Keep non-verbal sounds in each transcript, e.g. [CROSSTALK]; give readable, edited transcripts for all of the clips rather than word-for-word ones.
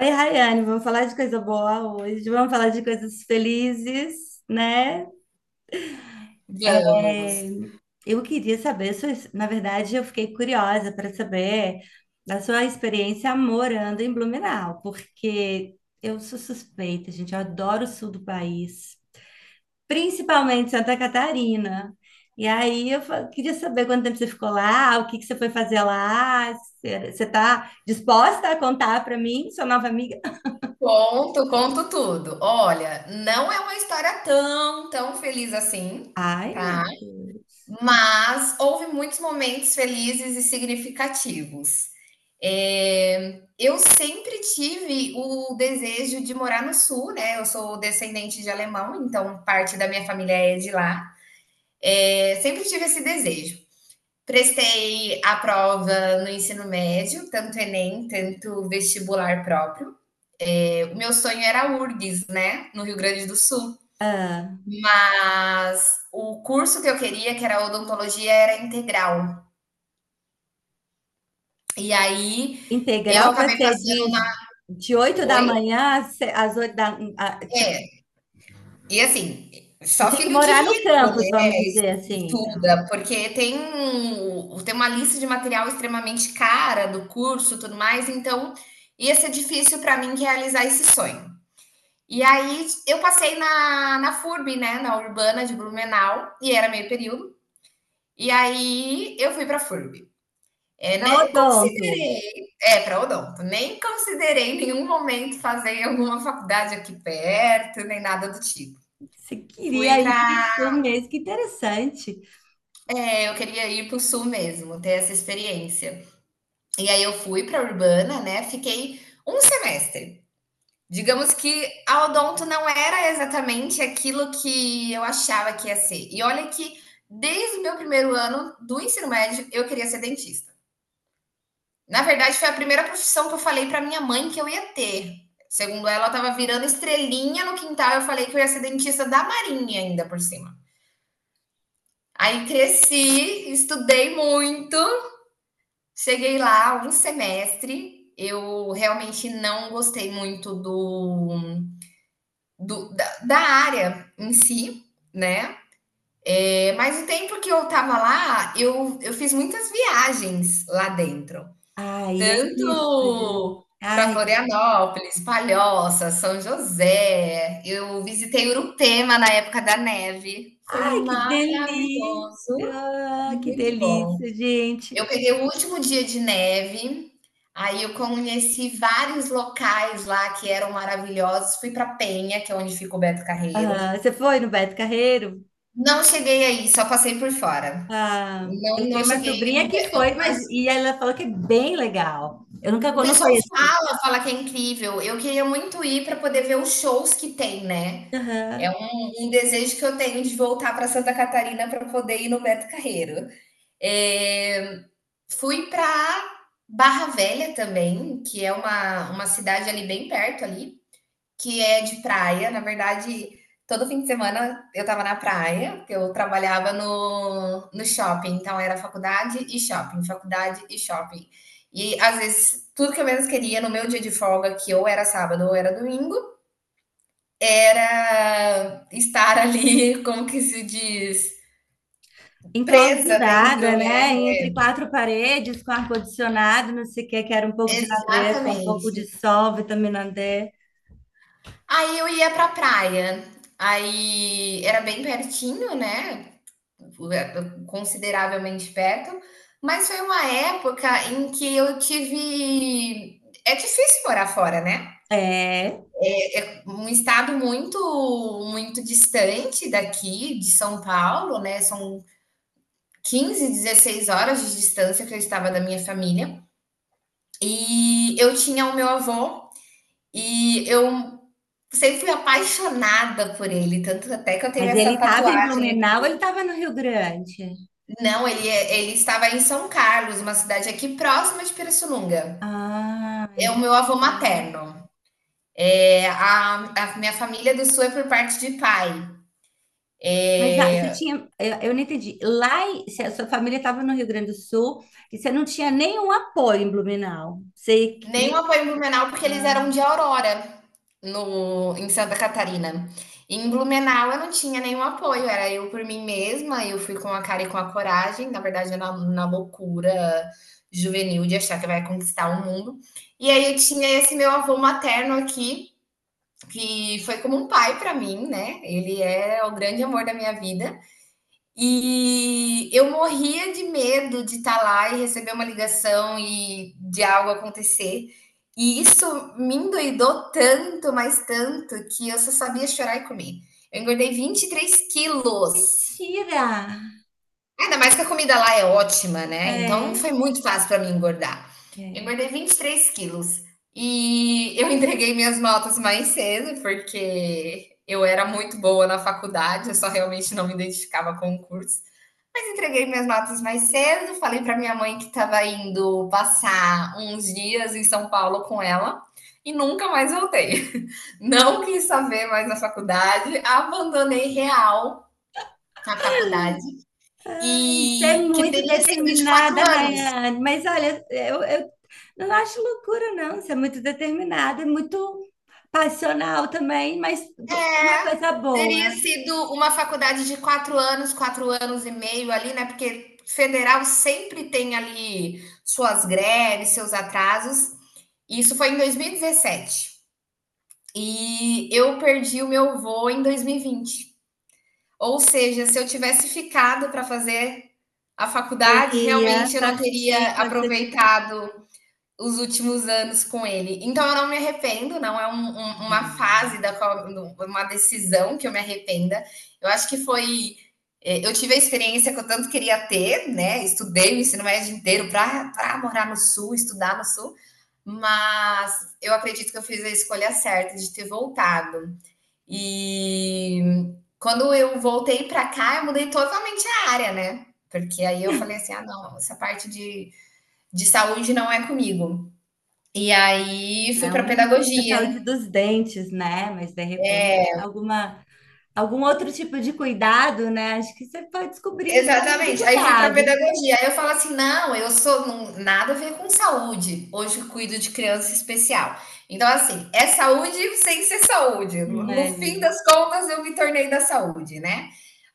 Oi, Rayane, vamos falar de coisa boa hoje, vamos falar de coisas felizes, né? Vamos. É, eu queria saber, eu fiquei curiosa para saber da sua experiência morando em Blumenau, porque eu sou suspeita, gente, eu adoro o sul do país, principalmente Santa Catarina. E aí queria saber quanto tempo você ficou lá, o que que você foi fazer lá, você está disposta a contar para mim, sua nova amiga? Conto, conto tudo. Olha, não é uma história tão, tão feliz assim, Ai, meu tá? Deus. Mas houve muitos momentos felizes e significativos. Eu sempre tive o desejo de morar no sul, né? Eu sou descendente de alemão, então parte da minha família é de lá. É, sempre tive esse desejo. Prestei a prova no ensino médio, tanto Enem, tanto vestibular próprio. Meu sonho era a URGS, né, no Rio Grande do Sul. Ah, Mas o curso que eu queria, que era odontologia, era integral. E aí eu integral, acabei você passando diz, na... de 8 da Oi? manhã às às 8 da... tipo, É. E assim, você só tinha que filho de morar no rico, campus, vamos né, dizer assim, estuda, porque tem uma lista de material extremamente cara do curso, tudo mais, então ia ser difícil para mim realizar esse sonho. E aí eu passei na FURB, né, na Urbana de Blumenau, e era meio período. E aí eu fui para a FURB. É, para nem odonto. considerei, é, para odonto, nem considerei em nenhum momento fazer alguma faculdade aqui perto, nem nada do tipo. Você Fui queria ir para o para, sul mesmo, que interessante. é, eu queria ir para o sul mesmo, ter essa experiência. E aí eu fui para Urbana, né? Fiquei um semestre. Digamos que a odonto não era exatamente aquilo que eu achava que ia ser. E olha que desde o meu primeiro ano do ensino médio eu queria ser dentista. Na verdade, foi a primeira profissão que eu falei para minha mãe que eu ia ter. Segundo ela, ela estava virando estrelinha no quintal. Eu falei que eu ia ser dentista da Marinha ainda por cima. Aí cresci, estudei muito, cheguei lá um semestre. Eu realmente não gostei muito da área em si, né? É, mas o tempo que eu tava lá, eu fiz muitas viagens lá dentro. Ai, é isso, gente. Tanto para Ai, Florianópolis, Palhoça, São José. Eu visitei Urupema na época da neve. Foi ai, que maravilhoso, delícia! foi Que muito bom. delícia, gente. Eu peguei o último dia de neve, aí eu conheci vários locais lá que eram maravilhosos. Fui para Penha, que é onde fica o Beto Carreiro. Ah, você foi no Beto Carreiro? Não cheguei aí, só passei por fora. Ah, eu Não, tenho não uma cheguei sobrinha no que Beto, foi, mas mas e ela falou que é bem legal. Eu nunca o não pessoal conheço. fala, fala que é incrível. Eu queria muito ir para poder ver os shows que tem, né. É Aham. um desejo que eu tenho de voltar para Santa Catarina para poder ir no Beto Carreiro. Eh, fui para Barra Velha também, que é uma cidade ali bem perto ali que é de praia. Na verdade, todo fim de semana eu estava na praia, porque eu trabalhava no shopping. Então, era faculdade e shopping, faculdade e shopping. E às vezes, tudo que eu menos queria no meu dia de folga, que ou era sábado ou era domingo, era estar [LAUGHS] ali, como que se diz? Presa dentro, Enclausurada, né? né? Entre quatro paredes, com ar-condicionado, não sei o que, quero um pouco de natureza, um pouco Exatamente. de sol, vitamina D. Aí eu ia pra praia. Aí era bem pertinho, né? Consideravelmente perto, mas foi uma época em que eu tive. É difícil morar fora, né? É, Um estado muito, muito distante daqui, de São Paulo, né? São 15, 16 horas de distância que eu estava da minha família. E eu tinha o meu avô e eu sempre fui apaixonada por ele, tanto até que eu tenho mas essa ele estava em tatuagem. Blumenau, ou ele estava no Rio Grande? Não, ele, é, ele estava em São Carlos, uma cidade aqui próxima de Pirassununga. Ah, É o meu avô entendi. materno. É, a minha família do sul é por parte de pai. Mas ah, você tinha, eu não entendi. Lá, se a sua família estava no Rio Grande do Sul e você não tinha nenhum apoio em Blumenau, você ia... Nenhuma foi em Blumenau porque eles eram Ah. de Aurora, no, em Santa Catarina. Em Blumenau eu não tinha nenhum apoio, era eu por mim mesma, eu fui com a cara e com a coragem, na verdade na loucura juvenil de achar que vai conquistar o mundo. E aí eu tinha esse meu avô materno aqui, que foi como um pai para mim, né? Ele é o grande amor da minha vida. E eu morria de medo de estar lá e receber uma ligação e de algo acontecer. E isso me endoidou tanto, mas tanto, que eu só sabia chorar e comer. Eu engordei 23 quilos. Mentira! Ainda mais que a comida lá é ótima, né? Então não foi É, muito fácil para mim engordar. Eu é. engordei 23 quilos. E eu [LAUGHS] entreguei minhas notas mais cedo, porque eu era muito boa na faculdade, eu só realmente não me identificava com o curso. Mas entreguei minhas notas mais cedo, falei para minha mãe que estava indo passar uns dias em São Paulo com ela e nunca mais voltei. [LAUGHS] Não quis saber mais da faculdade, abandonei real a faculdade Você é e que muito teria sido de quatro determinada, anos. Rayane. Mas olha, eu não acho loucura, não. Você é muito determinada, é muito passional também, mas uma É, coisa teria boa. sido uma faculdade de 4 anos, 4 anos e meio ali, né? Porque federal sempre tem ali suas greves, seus atrasos. Isso foi em 2017. E eu perdi o meu voo em 2020. Ou seja, se eu tivesse ficado para fazer a faculdade, E a realmente eu não teria partir quando você tiver... aproveitado os últimos anos com ele. Então eu não me arrependo, não é um, um, uma Assim... fase da qual, uma decisão que eu me arrependa. Eu acho que foi. Eu tive a experiência que eu tanto queria ter, né? Estudei o ensino médio inteiro para morar no sul, estudar no sul, mas eu acredito que eu fiz a escolha certa de ter voltado. E quando eu voltei para cá, eu mudei totalmente a área, né? Porque aí eu falei assim: ah, não, essa parte de saúde não é comigo. E aí fui para Não da saúde pedagogia. dos dentes, né? Mas de repente, alguma, algum outro tipo de cuidado, né? Acho que você pode descobrir nesse caminho do Exatamente. Aí fui para cuidado. pedagogia. Aí eu falo assim: não, eu sou nada a ver com saúde. Hoje eu cuido de criança especial. Então, assim, é saúde sem ser saúde. No fim Né? das contas, eu me tornei da saúde, né?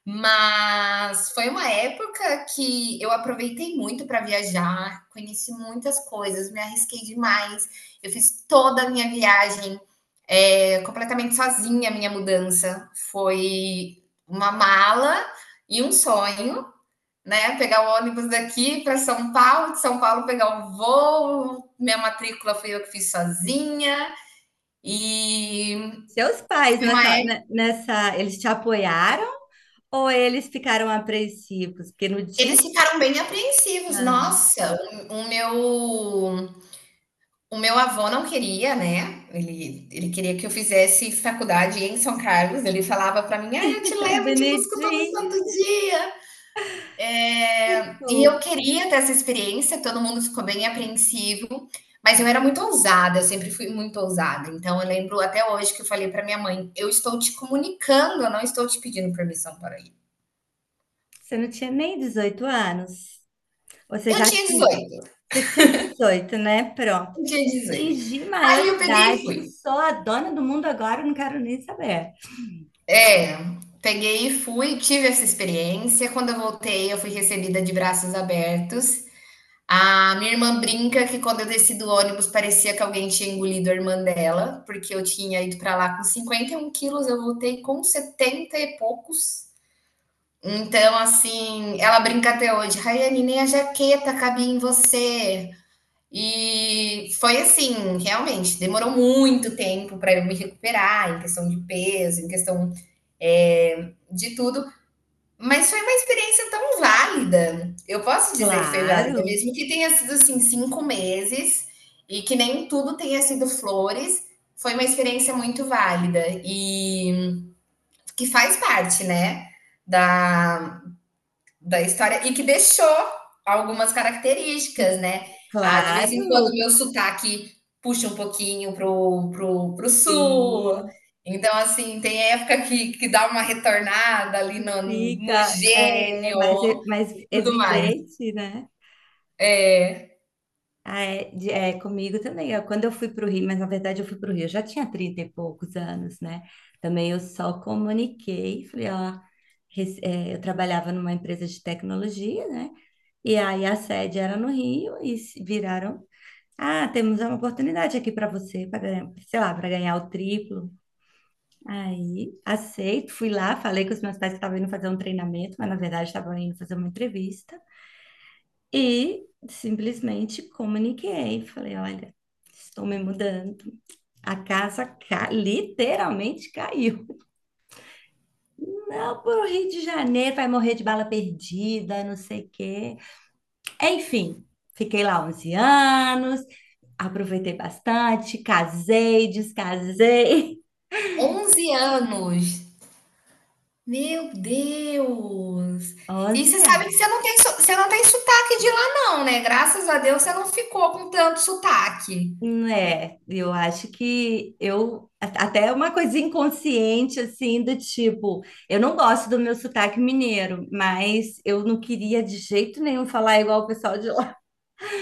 Mas foi uma época que eu aproveitei muito para viajar, conheci muitas coisas, me arrisquei demais. Eu fiz toda a minha viagem, completamente sozinha, a minha mudança. Foi uma mala e um sonho, né, pegar o ônibus daqui para São Paulo, de São Paulo pegar o voo, minha matrícula foi eu que fiz sozinha. E Seus pais foi uma é nessa, eles te apoiaram ou eles ficaram apreensivos? Porque no dia... Eles ficaram bem apreensivos. Ah. Nossa, o meu O meu avô não queria, né? Ele queria que eu fizesse faculdade em São Carlos. Ele falava para mim: ah, eu te [LAUGHS] levo e te busco todo santo Benedinho, dia. É, e eu isso. queria ter essa experiência. Todo mundo ficou bem apreensivo, mas eu era muito ousada. Eu sempre fui muito ousada. Então eu lembro até hoje que eu falei para minha mãe: eu estou te comunicando, eu não estou te pedindo permissão para ir. Você não tinha nem 18 anos. Você Eu já tinha 18. Você tinha 18, né? Pronto. Eu tinha 18. Atingi Aí eu peguei e maioridade, fui. sou a dona do mundo agora, não quero nem saber. É, peguei e fui, tive essa experiência. Quando eu voltei, eu fui recebida de braços abertos. A minha irmã brinca que quando eu desci do ônibus parecia que alguém tinha engolido a irmã dela, porque eu tinha ido para lá com 51 quilos, eu voltei com 70 e poucos. Então, assim, ela brinca até hoje, Rayane, nem a jaqueta cabia em você. E foi assim, realmente, demorou muito tempo para eu me recuperar em questão de peso, em questão de tudo. Mas foi uma experiência tão válida. Eu posso dizer que foi Claro, válida, mesmo que tenha sido assim 5 meses e que nem tudo tenha sido flores. Foi uma experiência muito válida e que faz parte, né, da, da história e que deixou algumas características, né? Ah, de vez em quando claro, o meu sotaque puxa um pouquinho pro sul. sim, Então, assim, tem época que dá uma retornada ali no fica mais, gênio mais e tudo mais. evidente, né? É. Ah, é, é, comigo também. Quando eu fui para o Rio, mas na verdade eu fui para o Rio, eu já tinha 30 e poucos anos, né? Também eu só comuniquei, falei, ó, eu trabalhava numa empresa de tecnologia, né? E aí a sede era no Rio e se viraram: ah, temos uma oportunidade aqui para você, para ganhar, sei lá, para ganhar o triplo. Aí aceito, fui lá, falei com os meus pais que estavam indo fazer um treinamento, mas na verdade estavam indo fazer uma entrevista. E simplesmente comuniquei, falei: olha, estou me mudando. A casa literalmente caiu. Não, pro Rio de Janeiro vai morrer de bala perdida, não sei o quê. Enfim, fiquei lá 11 anos, aproveitei bastante, casei, descasei. 11 anos. Meu Deus! [LAUGHS] E Onze. você sabe que você não tem, você não tem sotaque de lá, não, né? Graças a Deus você não ficou com tanto sotaque. Né, eu acho que até uma coisa inconsciente, assim, do tipo, eu não gosto do meu sotaque mineiro, mas eu não queria de jeito nenhum falar igual o pessoal de lá. [LAUGHS]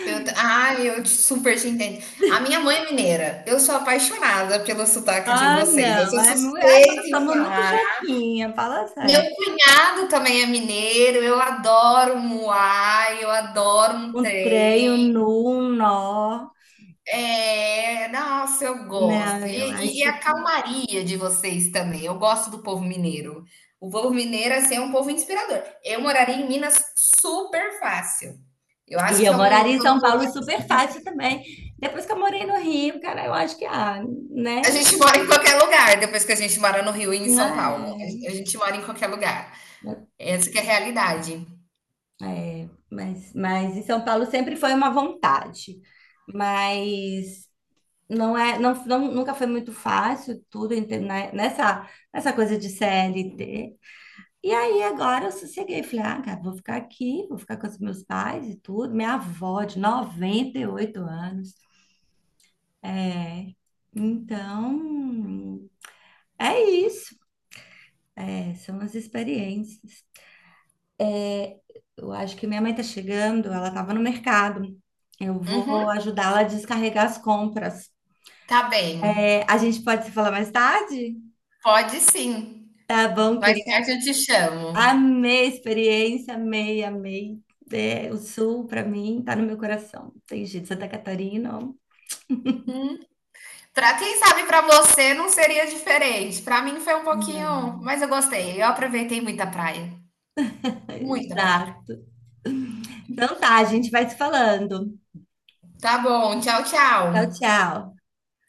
Eu, ai, super te entendo. A minha mãe é mineira. Eu sou apaixonada pelo sotaque de Ah, vocês. não, Eu sou nós suspeita em somos muito falar. jequinha, fala Meu sério. cunhado também é mineiro. Eu adoro um muai, eu adoro um Um trem, um trem. nu, um nó. É, nossa, eu gosto. Não, E, eu e- acho e a que... calmaria de vocês também. Eu gosto do povo mineiro. O povo mineiro, assim, é um povo inspirador. Eu moraria em Minas super fácil. Eu acho E que eu é um moraria que em eu não São Paulo voltaria. super Assim, fácil também. Depois que eu morei no Rio, cara, eu acho que, ah, a né? gente mora em qualquer lugar, depois que a gente mora no Rio e em Não São Paulo. é? A gente mora em qualquer lugar. Essa que é a realidade. É, mas em São Paulo sempre foi uma vontade, mas não é, nunca foi muito fácil tudo, né, nessa, nessa coisa de CLT. E aí agora eu sosseguei, falei: ah, cara, vou ficar aqui, vou ficar com os meus pais e tudo. Minha avó de 98 anos. É, então, é isso. É, são as experiências. Eu acho que minha mãe tá chegando, ela tava no mercado. Eu vou Uhum, ajudá-la a descarregar as compras. tá bem. É, a gente pode se falar mais tarde? Pode sim. Tá bom, Mais querida. tarde eu te chamo. Amei a experiência, amei, amei. É, o sul, para mim, tá no meu coração. Tem jeito, Santa Catarina. Ó. Pra quem sabe, pra você não seria diferente. Pra mim foi um pouquinho, mas eu gostei. Eu aproveitei muita praia. É, Muita praia. exato. Então tá, a gente vai se falando. Tá bom, tchau, Tchau, tchau. tchau.